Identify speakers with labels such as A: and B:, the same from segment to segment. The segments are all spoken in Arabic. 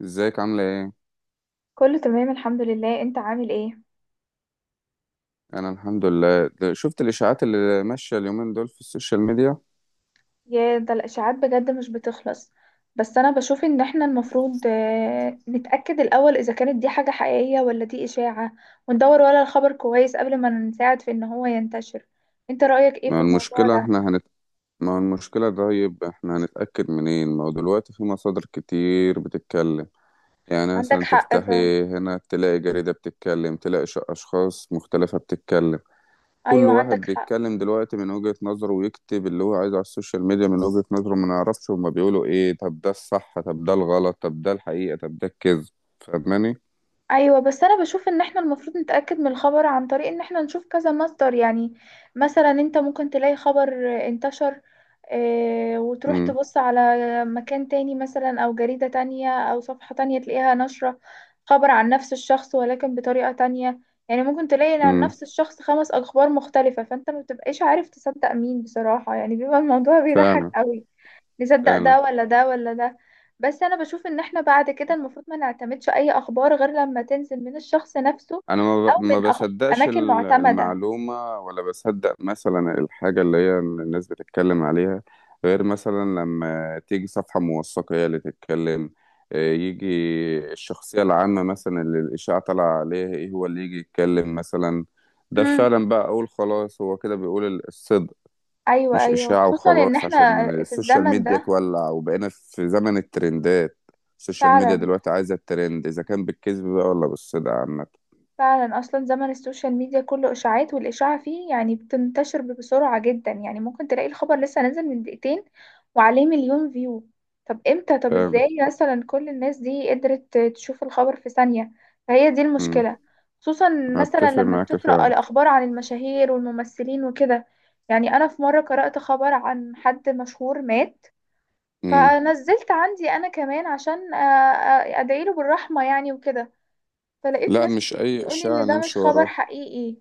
A: ازيك عاملة ايه؟
B: كله تمام الحمد لله، انت عامل ايه؟
A: انا الحمد لله. شفت الاشاعات اللي ماشية اليومين دول في السوشيال ميديا.
B: يا ده الاشاعات بجد مش بتخلص. بس انا بشوف ان احنا المفروض نتأكد الاول اذا كانت دي حاجة حقيقية ولا دي اشاعة، وندور ورا الخبر كويس قبل ما نساعد في ان هو ينتشر. انت رأيك ايه
A: ما
B: في
A: هو
B: الموضوع
A: المشكلة
B: ده؟
A: احنا هنت... ما هو المشكلة، طيب احنا هنتأكد منين؟ ما هو دلوقتي في مصادر كتير بتتكلم. يعني
B: عندك
A: مثلا
B: حق فعلا.
A: تفتحي هنا تلاقي جريدة بتتكلم، تلاقي اشخاص مختلفة بتتكلم. كل
B: ايوه عندك
A: واحد
B: حق.
A: بيتكلم دلوقتي من وجهة نظره ويكتب اللي هو عايزه على السوشيال ميديا من وجهة نظره. ما نعرفش هما بيقولوا ايه، طب ده الصح طب ده الغلط طب ده الحقيقة طب ده الكذب. فاهماني؟
B: ايوه، بس انا بشوف ان احنا المفروض نتاكد من الخبر عن طريق ان احنا نشوف كذا مصدر يعني. مثلا انت ممكن تلاقي خبر انتشر، وتروح
A: امم،
B: تبص على مكان تاني مثلا او جريدة تانية او صفحة تانية تلاقيها نشرة خبر عن نفس الشخص ولكن بطريقة تانية. يعني ممكن تلاقي عن
A: امم.
B: نفس الشخص خمس اخبار مختلفة، فانت ما بتبقاش عارف تصدق مين بصراحة، يعني بيبقى الموضوع بيضحك
A: فعلا،
B: قوي. نصدق
A: فعلا.
B: ده ولا ده ولا ده؟ بس انا بشوف ان احنا بعد كده المفروض ما نعتمدش اي اخبار غير لما تنزل من الشخص نفسه،
A: انا
B: او من
A: ما
B: أخ...
A: بصدقش
B: اماكن معتمدة.
A: المعلومة، ولا بصدق مثلا الحاجة اللي هي الناس بتتكلم عليها، غير مثلا لما تيجي صفحة موثقة هي اللي تتكلم. يجي الشخصية العامة مثلا اللي الإشاعة طالعة عليها، ايه هو اللي يجي يتكلم مثلا. ده
B: امم.
A: فعلا بقى أقول خلاص هو كده بيقول الصدق.
B: ايوه
A: مش
B: ايوه،
A: إشاعة
B: خصوصا ان
A: وخلاص
B: احنا
A: عشان
B: في
A: السوشيال
B: الزمن
A: ميديا
B: ده.
A: تولع، وبقينا في زمن الترندات. السوشيال ميديا
B: فعلا.
A: دلوقتي عايزة الترند، إذا كان بالكذب بقى ولا بالصدق عامة.
B: فعلا، اصلا زمن السوشيال ميديا كله اشاعات، والاشاعه فيه يعني بتنتشر بسرعه جدا. يعني ممكن تلاقي الخبر لسه نازل من دقيقتين وعليه مليون فيو. طب امتى؟ طب
A: فاهم.
B: ازاي مثلا كل الناس دي قدرت تشوف الخبر في ثانيه؟ فهي دي
A: مم.
B: المشكله. خصوصا مثلا
A: أتفق
B: لما
A: معاك
B: بتقرا
A: فعلا.
B: الاخبار عن المشاهير والممثلين وكده، يعني انا في مره قرات خبر عن حد مشهور مات،
A: مم.
B: فنزلت عندي انا كمان عشان ادعيله بالرحمه يعني وكده. فلقيت
A: لا،
B: ناس
A: مش
B: كتير
A: أي
B: بتقولي
A: إشاعة
B: ان ده مش
A: نمشي
B: خبر
A: وراه.
B: حقيقي،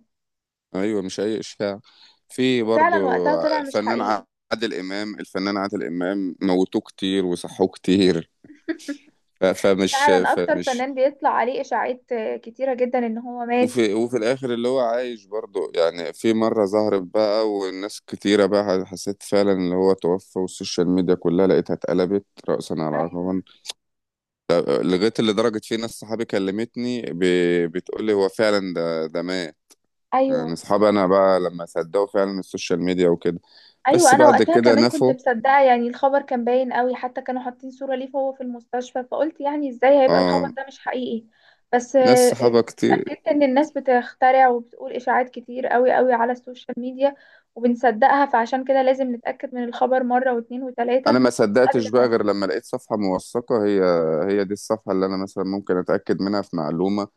A: أيوة مش أي إشاعة. في برضو
B: وفعلا وقتها طلع مش
A: الفنان
B: حقيقي.
A: الفنان عادل إمام موتوه كتير وصحوه كتير. فمش
B: فعلا اكتر
A: فمش
B: فنان بيطلع عليه اشاعات كتيرة جدا ان هو مات.
A: وفي الآخر اللي هو عايش برضو، يعني في مرة ظهرت بقى والناس كتيرة بقى حسيت فعلا اللي هو توفى، والسوشيال ميديا كلها لقيتها اتقلبت رأسا على
B: ايوه.
A: عقبا. لغاية اللي درجة في ناس صحابي كلمتني بتقولي هو فعلا ده مات. يعني
B: ايوه.
A: اصحابي انا بقى لما صدقوا فعلا السوشيال ميديا وكده.
B: ايوه،
A: بس
B: انا
A: بعد
B: وقتها
A: كده
B: كمان كنت
A: نفوا.
B: مصدقة يعني، الخبر كان باين قوي، حتى كانوا حاطين صورة ليه وهو في المستشفى، فقلت يعني ازاي هيبقى الخبر
A: اه،
B: ده مش حقيقي. بس
A: ناس صحابة كتير.
B: اتأكدت ان الناس بتخترع وبتقول اشاعات كتير قوي قوي على السوشيال ميديا وبنصدقها، فعشان كده لازم نتأكد من الخبر مرة واتنين وتلاتة
A: انا ما صدقتش
B: قبل ما
A: بقى غير
B: ن-
A: لما لقيت صفحة موثقة، هي هي دي الصفحة اللي انا مثلا ممكن اتاكد منها في معلومة.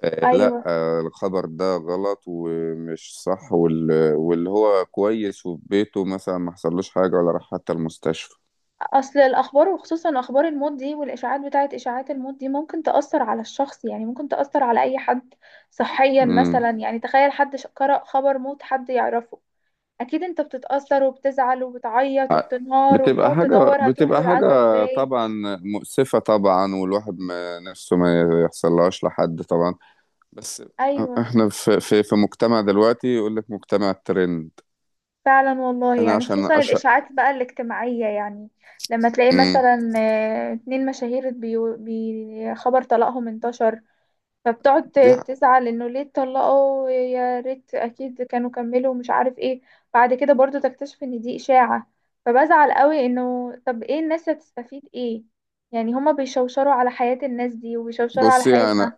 A: آه لا،
B: ايوه.
A: آه الخبر ده غلط ومش صح، واللي هو كويس وفي بيته مثلا ما حصلوش حاجة ولا راح حتى المستشفى.
B: اصل الاخبار وخصوصا اخبار الموت دي، والاشاعات بتاعت اشاعات الموت دي، ممكن تاثر على الشخص، يعني ممكن تاثر على اي حد صحيا
A: امم.
B: مثلا. يعني تخيل حد قرأ خبر موت حد يعرفه، اكيد انت بتتاثر وبتزعل وبتعيط وبتنهار
A: بتبقى
B: وبتقعد
A: حاجة
B: تدور هتروح
A: بتبقى
B: للعزا
A: حاجة.
B: ازاي.
A: طبعا. مؤسفة طبعا، والواحد ما نفسه ما يحصلهاش لحد طبعا. بس
B: ايوه
A: احنا في مجتمع دلوقتي، يقول لك مجتمع الترند.
B: فعلا والله،
A: انا
B: يعني
A: عشان
B: خصوصا
A: اشهر.
B: الاشاعات بقى الاجتماعيه يعني. لما تلاقي
A: امم.
B: مثلا اتنين مشاهير بي خبر طلاقهم انتشر، فبتقعد
A: دي ح-
B: تزعل انه ليه اتطلقوا، يا ريت اكيد كانوا كملوا مش عارف ايه. بعد كده برضو تكتشف ان دي اشاعة، فبزعل قوي انه طب ايه الناس هتستفيد ايه. يعني هما بيشوشروا على حياة الناس دي وبيشوشروا على
A: بصي، انا
B: حياتنا.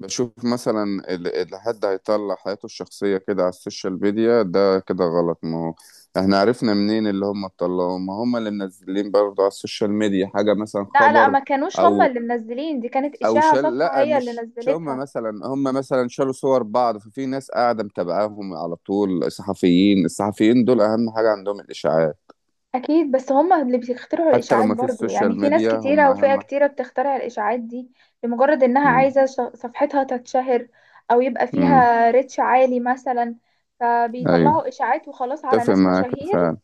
A: بشوف مثلا اللي حد هيطلع حياته الشخصية كده على السوشيال ميديا ده كده غلط. ما هو احنا عرفنا منين اللي هم طلعوه، ما هم اللي منزلين برضه على السوشيال ميديا حاجة مثلا
B: لا لا،
A: خبر.
B: ما كانوش هما
A: او.
B: اللي منزلين، دي كانت
A: او
B: اشاعة
A: شال
B: صفحة
A: لا،
B: هي اللي
A: مش
B: نزلتها.
A: هم مثلا شالوا صور بعض. ففي ناس قاعدة متابعاهم على طول، الصحفيين دول اهم حاجة عندهم الاشاعات،
B: اكيد، بس هما اللي بيخترعوا
A: حتى لو
B: الاشاعات
A: ما فيش
B: برضو يعني،
A: سوشيال
B: في ناس
A: ميديا هم
B: كتيره وفئه
A: اهم.
B: كتيره بتخترع الاشاعات دي لمجرد انها
A: امم،
B: عايزه صفحتها تتشهر، او يبقى
A: امم.
B: فيها ريتش عالي مثلا.
A: ايوه،
B: فبيطلعوا اشاعات وخلاص على
A: اتفق
B: ناس
A: معاك
B: مشاهير
A: فعلا.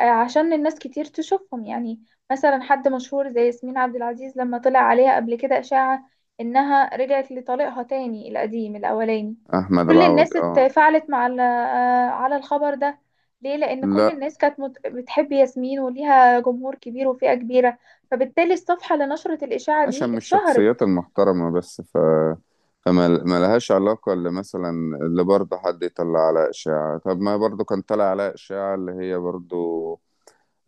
B: عشان الناس كتير تشوفهم يعني. مثلا حد مشهور زي ياسمين عبد العزيز، لما طلع عليها قبل كده إشاعة إنها رجعت لطليقها تاني القديم الأولاني،
A: احمد
B: كل
A: العوضي
B: الناس
A: اه.
B: اتفاعلت مع على الخبر ده. ليه؟ لأن كل
A: لا،
B: الناس كانت بتحب ياسمين وليها جمهور كبير وفئة كبيرة، فبالتالي الصفحة لنشرة الإشاعة دي
A: عشان مش الشخصيات
B: اتشهرت.
A: المحترمه بس. فما ما لهاش علاقه. اللي مثلا اللي برضه حد يطلع على اشاعه، طب ما برضه كان طلع على اشاعه اللي هي برضه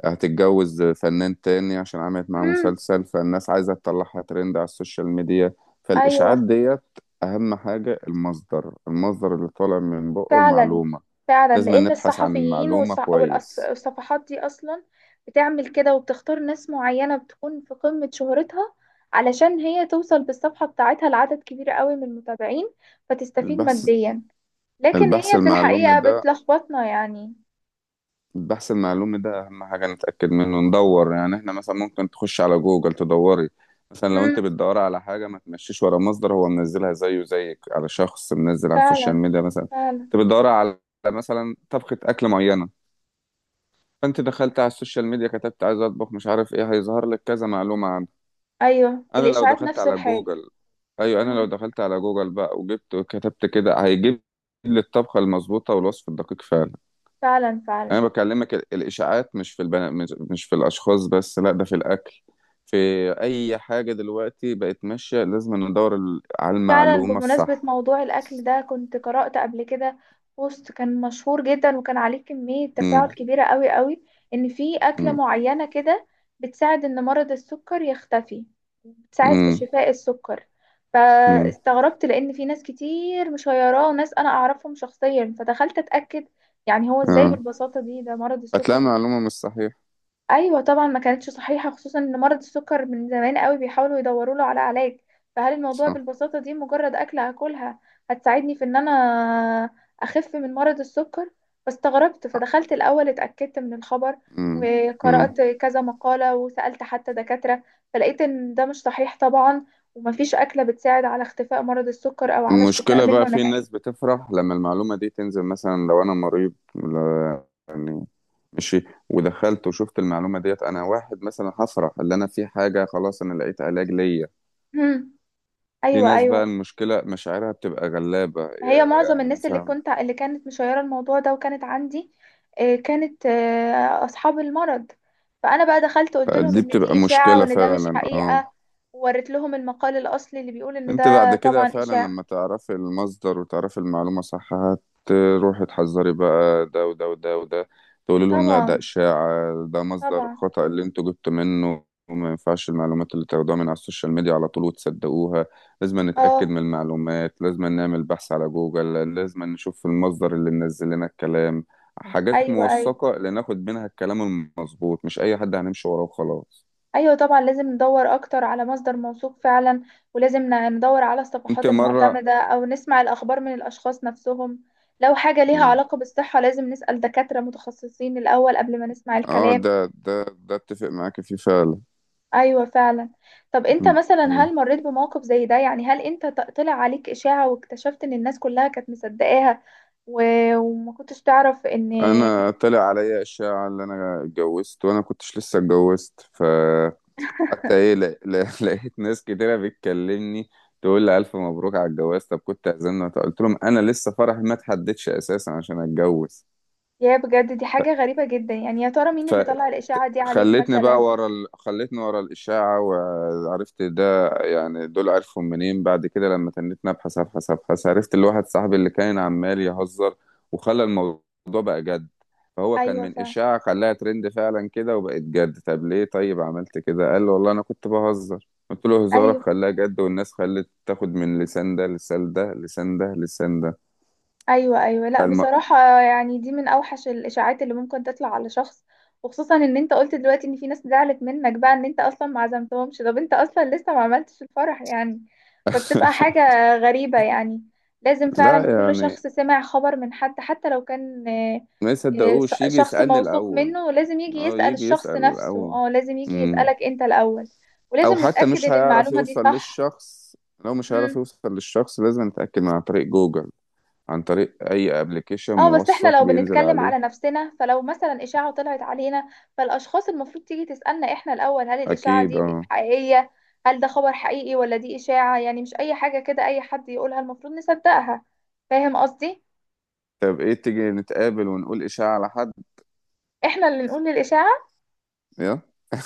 A: هتتجوز فنان تاني عشان عملت معاه
B: امم.
A: مسلسل، فالناس عايزه تطلعها ترند على السوشيال ميديا. فالاشاعات
B: أيوة.
A: ديت، اهم حاجه المصدر اللي طالع من بقه
B: فعلا
A: المعلومه.
B: فعلا،
A: لازم
B: لان
A: نبحث عن
B: الصحفيين
A: المعلومة كويس.
B: والصفحات دي اصلا بتعمل كده وبتختار ناس معينة بتكون في قمة شهرتها علشان هي توصل بالصفحة بتاعتها لعدد كبير قوي من المتابعين فتستفيد
A: البحث.
B: ماديا، لكن
A: البحث
B: هي في
A: المعلومي
B: الحقيقة
A: ده
B: بتلخبطنا يعني.
A: البحث المعلومي ده أهم حاجة نتأكد منه. ندور، يعني احنا مثلا ممكن تخش على جوجل تدوري. مثلا لو
B: امم.
A: انت بتدوري على حاجة، ما تمشيش ورا مصدر هو منزلها زيه زيك، على شخص منزل على السوشيال
B: فعلا.
A: ميديا مثلا.
B: فعلا.
A: انت بتدوري على مثلا طبخة أكل معينة، فانت دخلت على السوشيال ميديا كتبت عايز اطبخ مش عارف ايه، هيظهر لك كذا معلومة.
B: ايوه
A: انا لو
B: الاشاعات
A: دخلت
B: نفس
A: على
B: الحاجة.
A: جوجل ايوه، انا لو
B: امم.
A: دخلت على جوجل بقى وجبت وكتبت كده، هيجيب لي الطبخه المظبوطه والوصف الدقيق فعلا.
B: فعلا.
A: انا
B: فعلا.
A: بكلمك الاشاعات مش في مش في الاشخاص بس، لا ده في الاكل. في اي حاجه دلوقتي بقت ماشيه، لازم ندور على
B: فعلا
A: المعلومه
B: بمناسبة
A: الصح.
B: موضوع الأكل ده، كنت قرأت قبل كده بوست كان مشهور جدا وكان عليه كمية تفاعل
A: امم،
B: كبيرة قوي قوي إن في أكلة
A: امم،
B: معينة كده بتساعد إن مرض السكر يختفي، بتساعد في
A: امم،
B: شفاء السكر.
A: امم.
B: فاستغربت لأن في ناس كتير مش وناس أنا أعرفهم شخصيا، فدخلت أتأكد. يعني هو إزاي
A: اه،
B: بالبساطة دي ده مرض
A: هتلاقي
B: السكر.
A: معلومه مش صحيحه.
B: ايوه طبعا ما كانتش صحيحه، خصوصا ان مرض السكر من زمان قوي بيحاولوا يدوروا له على علاج. فهل الموضوع
A: صح.
B: بالبساطه دي مجرد اكله هاكلها هتساعدني في ان انا اخف من مرض السكر؟ فاستغربت فدخلت الاول اتاكدت من الخبر،
A: امم، امم.
B: وقرات كذا مقاله وسالت حتى دكاتره، فلقيت ان ده مش صحيح طبعا، ومفيش اكله بتساعد على اختفاء مرض السكر او على الشفاء
A: المشكلة
B: منه
A: بقى في
B: نهائيا.
A: ناس بتفرح لما المعلومة دي تنزل. مثلا لو أنا مريض، يعني ماشي، ودخلت وشفت المعلومة ديت، أنا واحد مثلا هفرح اللي أنا في حاجة، خلاص أنا لقيت علاج ليا. في
B: ايوه
A: ناس بقى
B: ايوه.
A: المشكلة مشاعرها بتبقى غلابة،
B: هي معظم
A: يعني
B: الناس اللي
A: مثلا.
B: كنت اللي كانت مشيرة الموضوع ده وكانت عندي كانت أصحاب المرض، فأنا بقى دخلت قلت لهم
A: دي
B: إن دي
A: بتبقى
B: إشاعة
A: مشكلة
B: وإن ده مش
A: فعلا، اه.
B: حقيقة، ووريت لهم المقال الأصلي اللي بيقول إن
A: انت بعد
B: ده
A: كده
B: طبعا
A: فعلا
B: إشاعة.
A: لما تعرفي المصدر وتعرفي المعلومة صح، هتروحي تحذري بقى ده وده وده وده، تقولي لهم لا ده
B: طبعا.
A: إشاعة، ده مصدر
B: طبعا.
A: خطأ اللي انتوا جبتوا منه، وما ينفعش المعلومات اللي تاخدوها من على السوشيال ميديا على طول وتصدقوها. لازم نتأكد
B: اه.
A: من المعلومات، لازم نعمل بحث على جوجل، لازم نشوف المصدر اللي منزل لنا الكلام. حاجات
B: أيوه أيوه.
A: موثقة اللي ناخد منها الكلام المظبوط، مش أي حد هنمشي وراه وخلاص.
B: أيوه طبعا، لازم ندور أكتر على مصدر موثوق فعلا. ولازم ندور على
A: انت
B: الصفحات
A: مرة.
B: المعتمدة أو نسمع الأخبار من الأشخاص نفسهم. لو حاجة ليها علاقة بالصحة لازم نسأل دكاترة متخصصين الأول قبل ما نسمع
A: اه،
B: الكلام.
A: ده اتفق معاك فيه فعلا.
B: ايوه فعلا. طب انت
A: م-
B: مثلا
A: م.
B: هل مريت بموقف زي ده؟ يعني هل انت طلع عليك اشاعة واكتشفت ان الناس كلها كانت مصدقاها و... وما كنتش تعرف ان؟
A: انا طلع عليا اشاعة اللي انا اتجوزت، وانا كنتش لسه اتجوزت. حتى ايه، لا، لا. لقيت ناس كتيرة بتكلمني تقول لي الف مبروك على الجواز، طب كنت اعزمنا. قلت لهم انا لسه فرحي ما اتحددش اساسا عشان اتجوز.
B: يا بجد دي حاجة غريبة جدا يعني، يا ترى مين اللي طلع الاشاعة دي عليك مثلا؟
A: خلتني ورا الإشاعة وعرفت ده. يعني دول عرفهم منين؟ بعد كده لما تنيت أبحث أبحث أبحث، عرفت اللي واحد صاحبي اللي كان عمال يهزر وخلى الموضوع بقى جد. فهو كان
B: ايوه
A: من
B: فعلا.
A: إشاعة، خلاها ترند فعلا كده وبقت جد. طب ليه طيب عملت كده؟ قال له والله أنا كنت بهزر. قلت له هزارك
B: ايوه.
A: خلاها جد، والناس خلت تاخد من لسان ده لسان ده لسان ده لسان ده.
B: ايوه ايوه، لا
A: فالم...
B: بصراحه يعني دي من اوحش الاشاعات اللي ممكن تطلع على شخص، وخصوصا ان انت قلت دلوقتي ان في ناس زعلت منك بقى ان انت اصلا ما عزمتهمش، طب انت اصلا لسه ما عملتش الفرح يعني. فبتبقى حاجه غريبه يعني. لازم فعلا
A: لا
B: كل
A: يعني،
B: شخص سمع خبر من حد، حتى لو كان
A: ما يصدقوش، يجي
B: شخص
A: يسألني
B: موثوق
A: الأول.
B: منه، لازم يجي
A: اه،
B: يسأل
A: يجي
B: الشخص
A: يسأل.
B: نفسه.
A: او،
B: اه لازم يجي
A: مم.
B: يسألك انت الاول،
A: او
B: ولازم
A: حتى
B: نتأكد
A: مش
B: ان
A: هيعرف
B: المعلومه دي
A: يوصل
B: صح.
A: للشخص. لو مش هيعرف يوصل للشخص، لازم نتأكد من عن طريق جوجل، عن طريق اي ابلكيشن
B: اه، بس احنا
A: موثق
B: لو
A: بينزل
B: بنتكلم
A: عليه.
B: على نفسنا، فلو مثلا اشاعة طلعت علينا، فالاشخاص المفروض تيجي تسألنا احنا الاول هل الاشاعة
A: اكيد
B: دي
A: اه.
B: حقيقية، هل ده خبر حقيقي ولا دي اشاعة. يعني مش اي حاجة كده اي حد يقولها المفروض نصدقها. فاهم قصدي؟
A: طب ايه، تيجي نتقابل ونقول اشاعة على حد.
B: احنا اللي نقول للاشاعة.
A: يلا.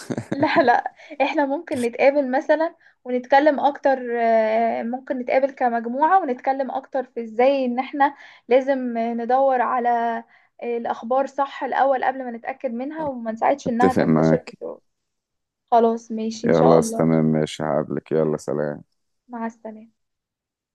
B: لا لا، احنا ممكن نتقابل مثلا ونتكلم اكتر، ممكن نتقابل كمجموعة ونتكلم اكتر في ازاي ان احنا لازم ندور على الأخبار صح الأول قبل ما نتأكد منها وما نساعدش إنها
A: اتفق
B: تنتشر
A: معاك.
B: بسرعة. خلاص ماشي إن شاء
A: خلاص
B: الله.
A: تمام، ماشي، هقابلك، يلا سلام.
B: مع السلامة.